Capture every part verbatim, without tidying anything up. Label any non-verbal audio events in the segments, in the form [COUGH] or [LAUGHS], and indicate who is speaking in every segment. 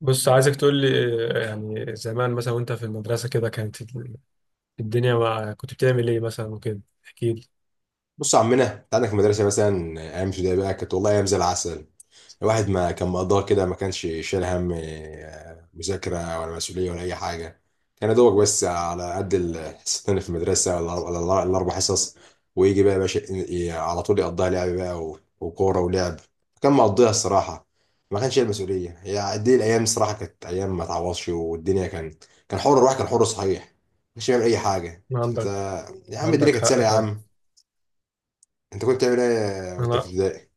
Speaker 1: بص عايزك تقول لي. آه، يعني زمان مثلا وانت في المدرسة كده كانت ال- الدنيا مع كنت بتعمل ايه مثلا وكده احكي لي.
Speaker 2: بص يا عمنا، انت عندك في المدرسه مثلا ايام ابتدائي بقى كانت والله ايام زي العسل. الواحد ما كان مقضاها كده، ما كانش شايل هم، آه، مذاكره ولا مسؤوليه ولا اي حاجه. كان يا دوبك بس على قد الحصتين اللي في المدرسه ولا ولا الار- الاربع حصص. ويجي بقى يا باشا ي- على طول يقضيها لعب بقى و- وكوره ولعب. كان مقضيها الصراحه، ما كانش شايل مسؤوليه. هي دي الايام الصراحه، كانت ايام ما تعوضش. والدنيا كان كان حر، الواحد كان حر صحيح، ما كانش بيعمل اي حاجه. انت
Speaker 1: عندك.
Speaker 2: يا عم الدنيا
Speaker 1: عندك
Speaker 2: كانت
Speaker 1: حق
Speaker 2: سهله يا
Speaker 1: فعلا.
Speaker 2: عم. انت كنت بتعمل ايه وانت في
Speaker 1: انا
Speaker 2: ابتدائي؟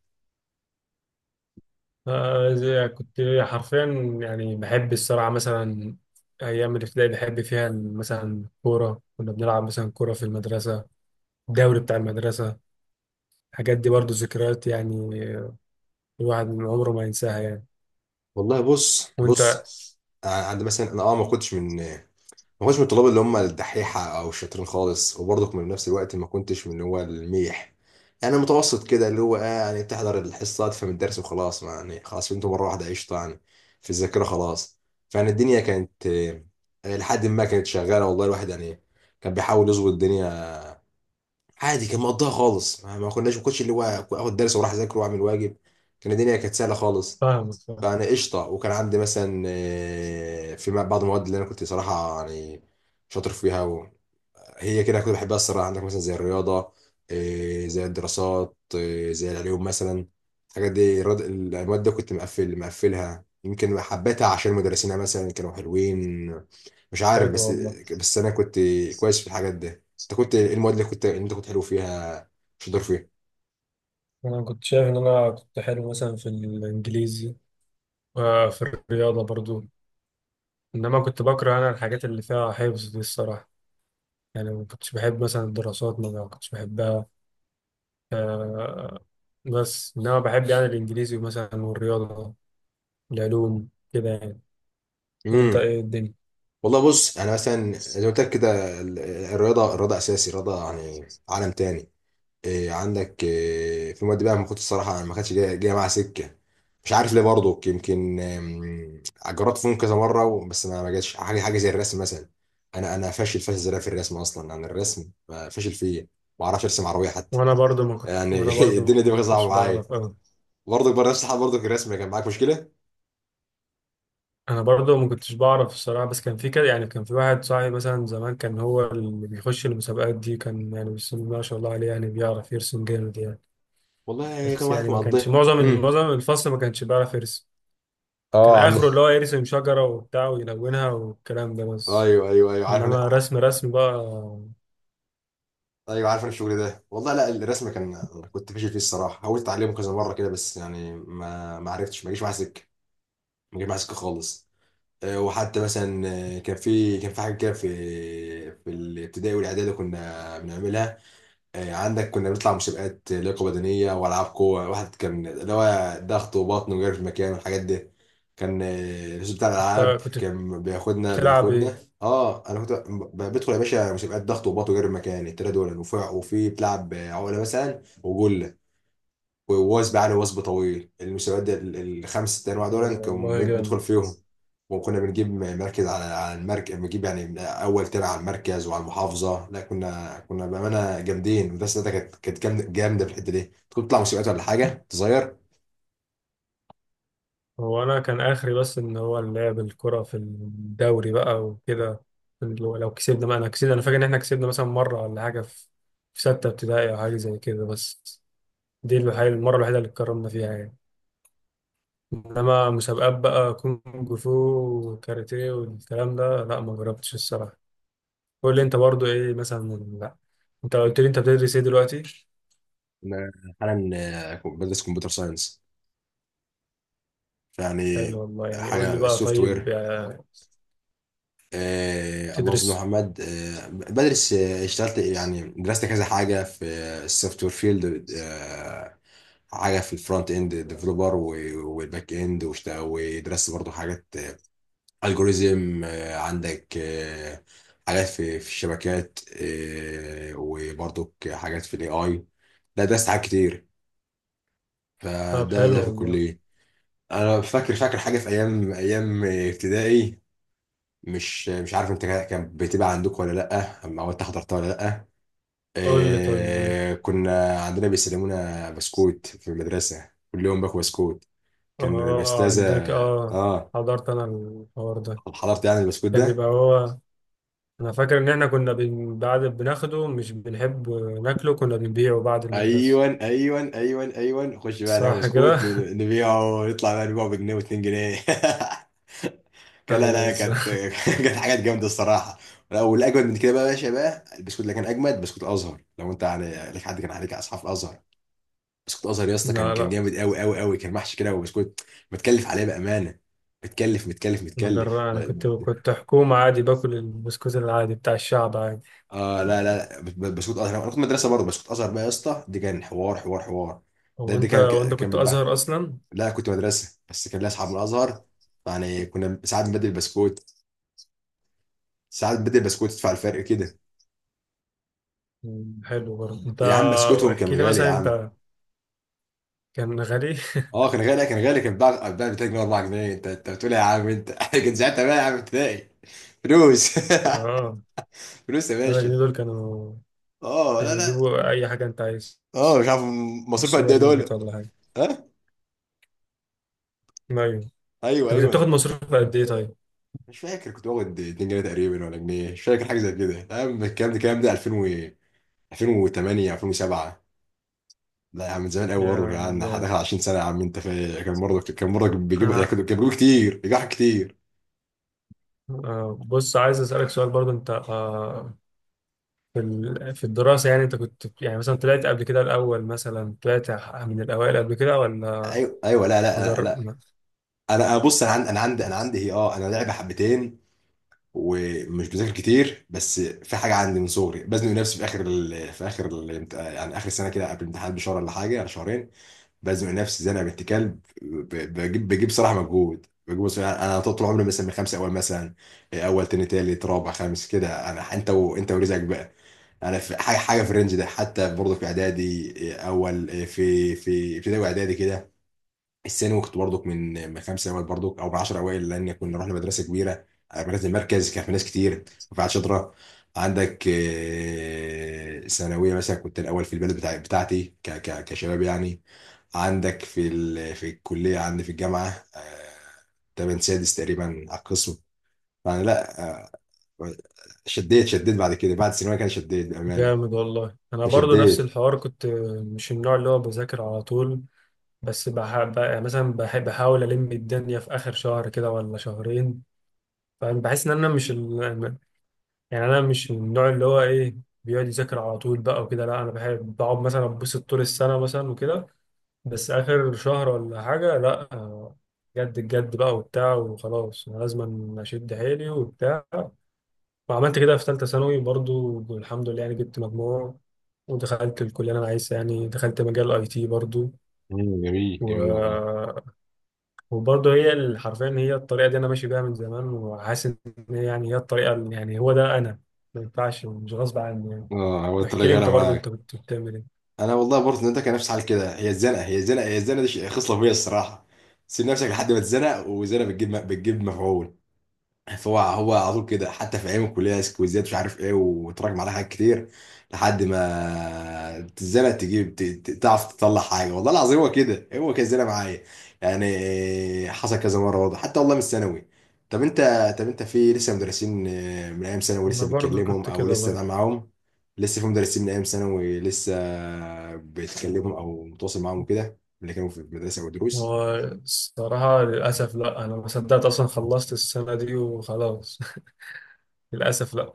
Speaker 1: آه، زي- كنت حرفيا، يعني بحب الصراحة مثلا. ايام الابتدائي بحب فيها مثلا كورة، كنا بنلعب مثلا كورة في المدرسة، الدوري بتاع المدرسة. الحاجات دي برضو ذكريات يعني، آه، الواحد من عمره ما ينساها يعني.
Speaker 2: والله بص
Speaker 1: وانت؟
Speaker 2: بص انا عند مثلا انا اه ما كنتش من، ما كنتش من الطلاب اللي هم الدحيحه او الشاطرين خالص، وبرضك من نفس الوقت ما كنتش من اللي هو الميح. يعني متوسط كده، اللي هو آه يعني بتحضر الحصه، تفهم الدرس وخلاص، ما يعني خلاص فهمته مره واحده، قشطه يعني، في الذاكره خلاص. فيعني الدنيا كانت، آه، لحد ما كانت شغاله والله. الواحد يعني كان بيحاول يظبط الدنيا عادي، كان مقضيها خالص. ما ما كناش ما كنتش اللي هو اخد درس واروح اذاكر واعمل واجب. كان الدنيا كانت سهله خالص
Speaker 1: فاهمك، فاهم.
Speaker 2: يعني، قشطه. وكان عندي مثلا آه، في بعض المواد اللي انا كنت صراحه يعني شاطر فيها و- هي كده كنت بحبها الصراحه. عندك مثلا زي الرياضه، آه، زي الدراسات، آه، زي العلوم مثلا. الحاجات دي الرد- المواد دي كنت مقفل مقفلها، يمكن حبيتها عشان مدرسينها مثلا كانوا حلوين، مش عارف.
Speaker 1: حلو
Speaker 2: بس
Speaker 1: والله.
Speaker 2: بس انا كنت كويس في الحاجات دي. انت كنت ايه المواد اللي كنت اللي انت كنت حلو فيها شاطر
Speaker 1: انا كنت شايف ان انا كنت حلو مثلا في الانجليزي وفي الرياضه برضو، انما كنت بكره انا الحاجات اللي فيها حفظ دي الصراحه. يعني ما كنتش بحب مثلا الدراسات، ما كنتش بحبها. آه، بس انما بحب يعني الانجليزي مثلا والرياضه، العلوم كده يعني. وانت
Speaker 2: فيها؟
Speaker 1: ايه الدنيا؟
Speaker 2: والله بص، انا مثلا زي ما قلت لك كده ال- الرياضه. الرياضه اساسي، الرياضه يعني عالم تاني. إيه عندك إيه في مواد بقى، ما كنت الصراحه ما كانتش جايه جايه معاها سكه. مش عارف ليه برضه، يمكن آم، جربت فيهم كذا مره و- بس ما ما جاتش حاجه. حاجه زي الرسم مثلا، انا انا فاشل فاشل زيادة في الرسم اصلا. يعني الرسم ما فاشل فيه، ما اعرفش ارسم عربيه حتى
Speaker 1: وانا برضو ما كنت،
Speaker 2: يعني.
Speaker 1: وانا
Speaker 2: [LAUGHS]
Speaker 1: برضو ما
Speaker 2: الدنيا دي بقى صعبه
Speaker 1: كنتش
Speaker 2: معايا.
Speaker 1: بعرف أوي.
Speaker 2: برضك بقى نفس الحال، برضك الرسم كان معاك مشكله.
Speaker 1: انا برضو ما كنتش بعرف الصراحه، بس كان في كده يعني، كان في واحد صاحبي مثلا زمان، كان هو اللي بيخش المسابقات دي، كان يعني بسم الله ما شاء الله عليه، يعني بيعرف يرسم جامد يعني.
Speaker 2: والله كان
Speaker 1: بس يعني
Speaker 2: واحد
Speaker 1: ما كانش
Speaker 2: مقضيها.
Speaker 1: معظم
Speaker 2: امم
Speaker 1: معظم الفصل ما كانش بيعرف يرسم. كان
Speaker 2: اه. عندنا
Speaker 1: اخره اللي هو يرسم شجره وبتاع ويلونها والكلام ده بس،
Speaker 2: ايوه، ايوه، ايوه، عارف
Speaker 1: انما
Speaker 2: انا.
Speaker 1: رسم رسم بقى.
Speaker 2: ايوه عارف أنا الشغل ده والله. لا، الرسم كان أنا كنت فاشل فيه الصراحه. حاولت اتعلمه كذا مره كده بس يعني ما ما عرفتش، ما جيش معاه سكه. ما جيش معاه سكه خالص. آه، وحتى مثلا، آه، كان في كان في حاجه كده في في الابتدائي والاعدادي كنا بنعملها. آه، عندك كنا بنطلع مسابقات لياقه بدنيه والعاب قوه واحد، كان اللي هو ضغط وبطن وجري في المكان والحاجات دي. كان آه، الأستاذ بتاع الالعاب
Speaker 1: أنت كنت
Speaker 2: كان بياخدنا
Speaker 1: بتلعب ايه؟
Speaker 2: بياخدنا اه انا كنت ب- بدخل يا باشا مسابقات ضغط وبطن وجري في المكان، التلاته دول، وفي وفي بتلعب عقله مثلا، وجول ووثب عليه، وثب طويل. المسابقات دي ال- الخمس ست انواع دول
Speaker 1: والله
Speaker 2: كنا بندخل
Speaker 1: جامد.
Speaker 2: فيهم. وكنا بنجيب مركز، على على المركز بنجيب يعني من اول تاني على المركز وعلى المحافظه. لا كنا، كنا بامانه جامدين. المدرسه بتاعتنا كانت، كانت جامده جامده في الحته دي. كنت بتطلع مسابقات ولا حاجه صغير؟
Speaker 1: هو انا كان اخري بس ان هو اللعب الكرة في الدوري بقى وكده. لو لو كسبنا بقى، انا كسبنا، انا فاكر ان احنا كسبنا مثلا مرة ولا حاجة في في ستة ابتدائي او حاجة زي كده بس. دي الوحيدة، المرة الوحيدة اللي اتكرمنا فيها يعني. انما مسابقات بقى كونج فو وكاراتيه والكلام ده لا، ما جربتش الصراحة. قول لي انت برضو ايه مثلا. لا، انت قلت لي انت بتدرس ايه دلوقتي؟
Speaker 2: انا حالا آه، بدرس كمبيوتر ساينس. فيعني
Speaker 1: حلو والله. يعني قول
Speaker 2: حاجه
Speaker 1: لي بقى
Speaker 2: السوفت
Speaker 1: طيب،
Speaker 2: وير.
Speaker 1: آه،
Speaker 2: آه، اللهم صل على
Speaker 1: تدرس.
Speaker 2: محمد. آه بدرس، آه اشتغلت يعني، درست كذا حاجه في السوفت وير فيلد. آه حاجه في الفرونت اند ديفلوبر والباك اند، واشت- ودرست برضو حاجات الجوريزم. عندك آه حاجات في في الشبكات، آه وبرضو حاجات في الاي اي. لا درست حاجات كتير.
Speaker 1: طب
Speaker 2: فده ده
Speaker 1: حلو
Speaker 2: في
Speaker 1: والله.
Speaker 2: الكليه. انا فاكر، فاكر حاجه في ايام ايام ابتدائي. مش مش عارف انت كان بتبقى عندكم ولا لا، أما هو انت حضرتها ولا لا.
Speaker 1: قول لي طيب ايه.
Speaker 2: إيه كنا عندنا بيسلمونا بسكوت في المدرسه، كل يوم باكل بسكوت. كان
Speaker 1: اه،
Speaker 2: الاستاذه،
Speaker 1: عندك، اه.
Speaker 2: اه،
Speaker 1: حضرت انا الحوار ده.
Speaker 2: حضرت يعني البسكوت
Speaker 1: كان
Speaker 2: ده؟
Speaker 1: بيبقى هو، انا فاكر ان احنا كنا بن... بعد بناخده مش بنحب ناكله، كنا بنبيعه بعد المدرسة.
Speaker 2: ايوه، ايوه، ايوه، ايوه. نخش بقى ناكل
Speaker 1: صح كده
Speaker 2: بسكوت، ن-
Speaker 1: [LAUGHS]
Speaker 2: نبيعه، نطلع بقى نبيعه بجنيه واتنين جنيه. [LAUGHS] كان لا
Speaker 1: ايوه
Speaker 2: لا كانت
Speaker 1: بالظبط.
Speaker 2: [LAUGHS] كانت حاجات جامده الصراحه. لا، والاجمد من كده بقى يا باشا، بقى البسكوت اللي كان اجمد بسكوت الازهر. لو انت يعني لك حد كان عليك اصحاب الازهر، بسكوت ازهر يا اسطى كان،
Speaker 1: لا
Speaker 2: كان
Speaker 1: لا،
Speaker 2: جامد قوي قوي قوي. كان محشي كده، وبسكوت متكلف عليه بامانه. متكلف متكلف
Speaker 1: انا
Speaker 2: متكلف.
Speaker 1: جرى انا كنت، كنت حكومة عادي، باكل البسكوت العادي بتاع الشعب عادي.
Speaker 2: اه لا لا لا، ب- ب- بسكوت ازهر. انا كنت مدرسه برضه، بسكوت ازهر بقى يا اسطى دي كان حوار، حوار حوار. ده
Speaker 1: هو
Speaker 2: دي
Speaker 1: انت
Speaker 2: كان
Speaker 1: وانت
Speaker 2: كان
Speaker 1: كنت
Speaker 2: بيتباع.
Speaker 1: ازهر اصلا؟
Speaker 2: لا كنت مدرسه بس كان ليا اصحاب من الازهر، يعني كنا ساعات بنبدل بسكوت. ساعات بنبدل بسكوت تدفع الفرق كده.
Speaker 1: مم، حلو برضه انت.
Speaker 2: يا عم بسكوتهم كان
Speaker 1: احكي لي
Speaker 2: غالي يا
Speaker 1: مثلا
Speaker 2: عم.
Speaker 1: انت. كان غالي؟
Speaker 2: اه كان غالي، كان غالي. كان بتاع بتاع اتنين جنيه اربعة جنيه. انت انت بتقول إيه يا عم انت. [LAUGHS] كان ساعتها بقى يا عم ابتدائي. فلوس.
Speaker 1: [LAUGHS]
Speaker 2: [LAUGHS]
Speaker 1: اه،
Speaker 2: فلوس يا
Speaker 1: 3
Speaker 2: باشا.
Speaker 1: جنيه دول كانوا،
Speaker 2: اه لا
Speaker 1: كانوا
Speaker 2: لا.
Speaker 1: يجيبوا اي حاجة انت عايز
Speaker 2: اه مش عارف،
Speaker 1: من
Speaker 2: مصروف قد ايه
Speaker 1: السوبر ماركت
Speaker 2: دول؟
Speaker 1: ولا حاجة.
Speaker 2: ها؟
Speaker 1: ايوه.
Speaker 2: ايوه،
Speaker 1: انت كنت بتاخد
Speaker 2: ايوه،
Speaker 1: مصروف قد ايه طيب؟
Speaker 2: مش فاكر. كنت باخد اتنين جنيه تقريبا ولا جنيه، مش فاكر. حاجه زي كده يا عم، الكلام ده الكلام ده 2000 و ألفين وتمانية، ألفين وسبعة. لا يا عم، من زمان قوي برضه يا
Speaker 1: يا
Speaker 2: عم،
Speaker 1: يا
Speaker 2: داخل عشرين سنه يا عم انت فاهم. كان برضه، كان برضه بيجيبوا،
Speaker 1: انا،
Speaker 2: كانوا بيجيبوا كتير، بيجيبوا كتير.
Speaker 1: آه، بص، عايز اسالك سؤال برضو انت. آه، في ال- في الدراسه يعني انت كنت يعني مثلا طلعت قبل كده الاول، مثلا طلعت من الاوائل قبل كده ولا
Speaker 2: ايوه، ايوه. لا لا
Speaker 1: مجر...
Speaker 2: لا، انا أنا بص، انا عندي انا عندي انا عندي هي، اه انا لعبه حبتين ومش بذاكر كتير. بس في حاجه عندي من صغري، بزنق نفسي في اخر ال... في اخر ال... يعني اخر سنه كده قبل الامتحان بشهر ولا حاجه، ولا شهرين. بزنق نفسي زنقه بنت كلب، ب... بجيب بجيب صراحه مجهود، بجيب صراحة. انا طول عمري مثلا من خمسه اول مثلا، اول تاني تالت رابع خامس كده. انا انت و... انت ورزقك بقى. انا في حاجه حاجه في الرينج ده حتى برضه. في اعدادي اول في في ابتدائي واعدادي كده. الثانوي كنت برضك من من خمسه اوائل برضك، او من عشرة اوائل، لان كنا رحنا مدرسه كبيره، آه، مدرسه المركز، كان في ناس كتير وفي شاطره. عندك آه، ثانويه مثلا كنت الاول في البلد بتاع بتاعتي، ك ك كشباب يعني. عندك في ال في الكليه، عندي في الجامعه، آه، تمن سادس تقريبا على القسم. فانا لا، آه، شديت شديت بعد كده، بعد الثانويه كان شديت بامانه،
Speaker 1: جامد والله. انا برضو نفس
Speaker 2: فشديت.
Speaker 1: الحوار، كنت مش النوع اللي هو بذاكر على طول، بس بح... ب- يعني مثلا بحب بحاول الم الدنيا في اخر شهر كده ولا شهرين. فانا بحس ان انا مش، يعني انا مش من النوع اللي هو ايه، بيقعد يذاكر على طول بقى وكده. لا، انا بحب بقعد مثلا اتبسط طول السنه مثلا وكده، بس اخر شهر ولا حاجه لا، آه، جد الجد بقى وبتاع وخلاص، انا لازم اشد حيلي وبتاع. وعملت كده في ثالثه ثانوي برضو، الحمد لله، يعني جبت مجموع ودخلت الكليه اللي انا عايزها، يعني دخلت مجال اي تي برضو.
Speaker 2: مم، جميل،
Speaker 1: و...
Speaker 2: جميل والله.
Speaker 1: وبرضه هي ال- حرفيا هي الطريقه دي انا ماشي بيها من زمان، وحاسس ان هي يعني هي الطريقه اللي- يعني هو ده انا، ما ينفعش، مش غصب عني يعني.
Speaker 2: اه هو طلع
Speaker 1: احكي لي
Speaker 2: غلا
Speaker 1: انت برضو انت
Speaker 2: معاك.
Speaker 1: كنت بتعمل ايه.
Speaker 2: انا والله برضه انت كان نفسي حال كده. هي الزنقه، هي الزنقه هي الزنقه دي شيء- خصله فيا الصراحه. سيب نفسك لحد ما تزنق، والزنقه بتجيب بتجيب مفعول. هو هو على طول كده، حتى في ايام الكليه سكويزات مش عارف ايه، وتراكم عليها حاجات كتير لحد ما تزنق تجيب، ت- ت- تعرف تطلع حاجه والله العظيم. هو كده هو كده زي معايا يعني. حصل كذا مره برضه حتى والله من الثانوي. طب انت طب انت في لسه مدرسين آه، من ايام ثانوي
Speaker 1: انا
Speaker 2: لسه
Speaker 1: برضو
Speaker 2: بتكلمهم،
Speaker 1: كنت
Speaker 2: او
Speaker 1: كده
Speaker 2: لسه ده
Speaker 1: برضو.
Speaker 2: معاهم؟ لسه في مدرسين من ايام ثانوي لسه بتكلمهم او متواصل معاهم كده، اللي كانوا في المدرسه او دروس؟
Speaker 1: والصراحة للأسف لا، انا ما صدقت اصلا خلصت السنة دي وخلاص [LAUGHS] للأسف لا.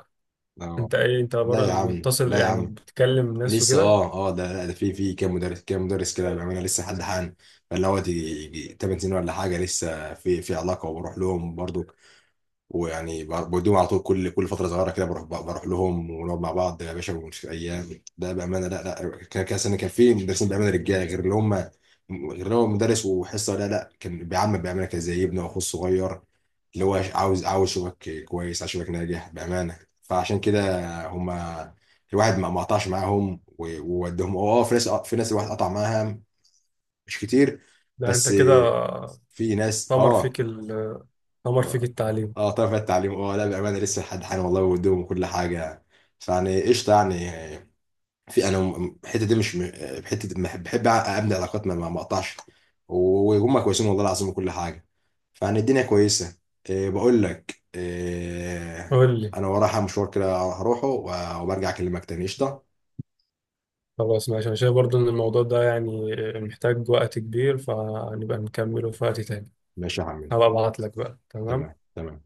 Speaker 2: اه
Speaker 1: انت ايه، انت
Speaker 2: لا
Speaker 1: برضو
Speaker 2: يا عم،
Speaker 1: متصل
Speaker 2: لا يا
Speaker 1: يعني،
Speaker 2: عم،
Speaker 1: بتكلم ناس
Speaker 2: لسه
Speaker 1: وكده؟
Speaker 2: اه اه. ده ده في في كام مدرس، كام مدرس كده بيعملها لسه لحد حالا، فاللي هو تيجي تمانية سنين ولا حاجه لسه في في علاقه، وبروح لهم برضو، ويعني ب- بوديهم على طول. كل كل فتره صغيره كده بروح بروح لهم، ونقعد مع بعض يا باشا، ونشوف ايام ده بامانه. لا لا كان كان سنة كان في مدرسين بامانه رجاله، غير اللي هم غير اللي هو مدرس وحصه. لا لا، كان بيعمل بامانه كان زي ابنه واخوه الصغير، اللي هو عاوز، عاوز شبك كويس، عاوز شبك ناجح بامانه. فعشان كده هم الواحد ما ما قطعش معاهم و- وودهم. اه في ناس، في ناس الواحد قطع معاها، مش كتير
Speaker 1: ده انت
Speaker 2: بس
Speaker 1: كده
Speaker 2: في ناس.
Speaker 1: طمر
Speaker 2: اه
Speaker 1: فيك ال طمر فيك
Speaker 2: اه،
Speaker 1: التعليم.
Speaker 2: آه، طرف التعليم. اه لا بامانه لسه لحد حالا والله ودهم وكل حاجه، فيعني قشطه يعني. في انا م- الحته دي مش م- حته دي بحب، بحب ابني علاقات ما ما ما اقطعش، وهم كويسين والله العظيم وكل حاجه، فيعني الدنيا كويسه. إيه بقول لك إيه،
Speaker 1: قول لي.
Speaker 2: انا ورايا مشوار كده هروحه وبرجع اكلمك تاني، قشطه.
Speaker 1: خلاص ماشي، انا شايف برضو ان الموضوع ده يعني محتاج وقت كبير، فنبقى نكمله في وقت تاني.
Speaker 2: ماشي يا عمي.
Speaker 1: هبقى ابعت لك بقى.
Speaker 2: تمام،
Speaker 1: تمام.
Speaker 2: تمام.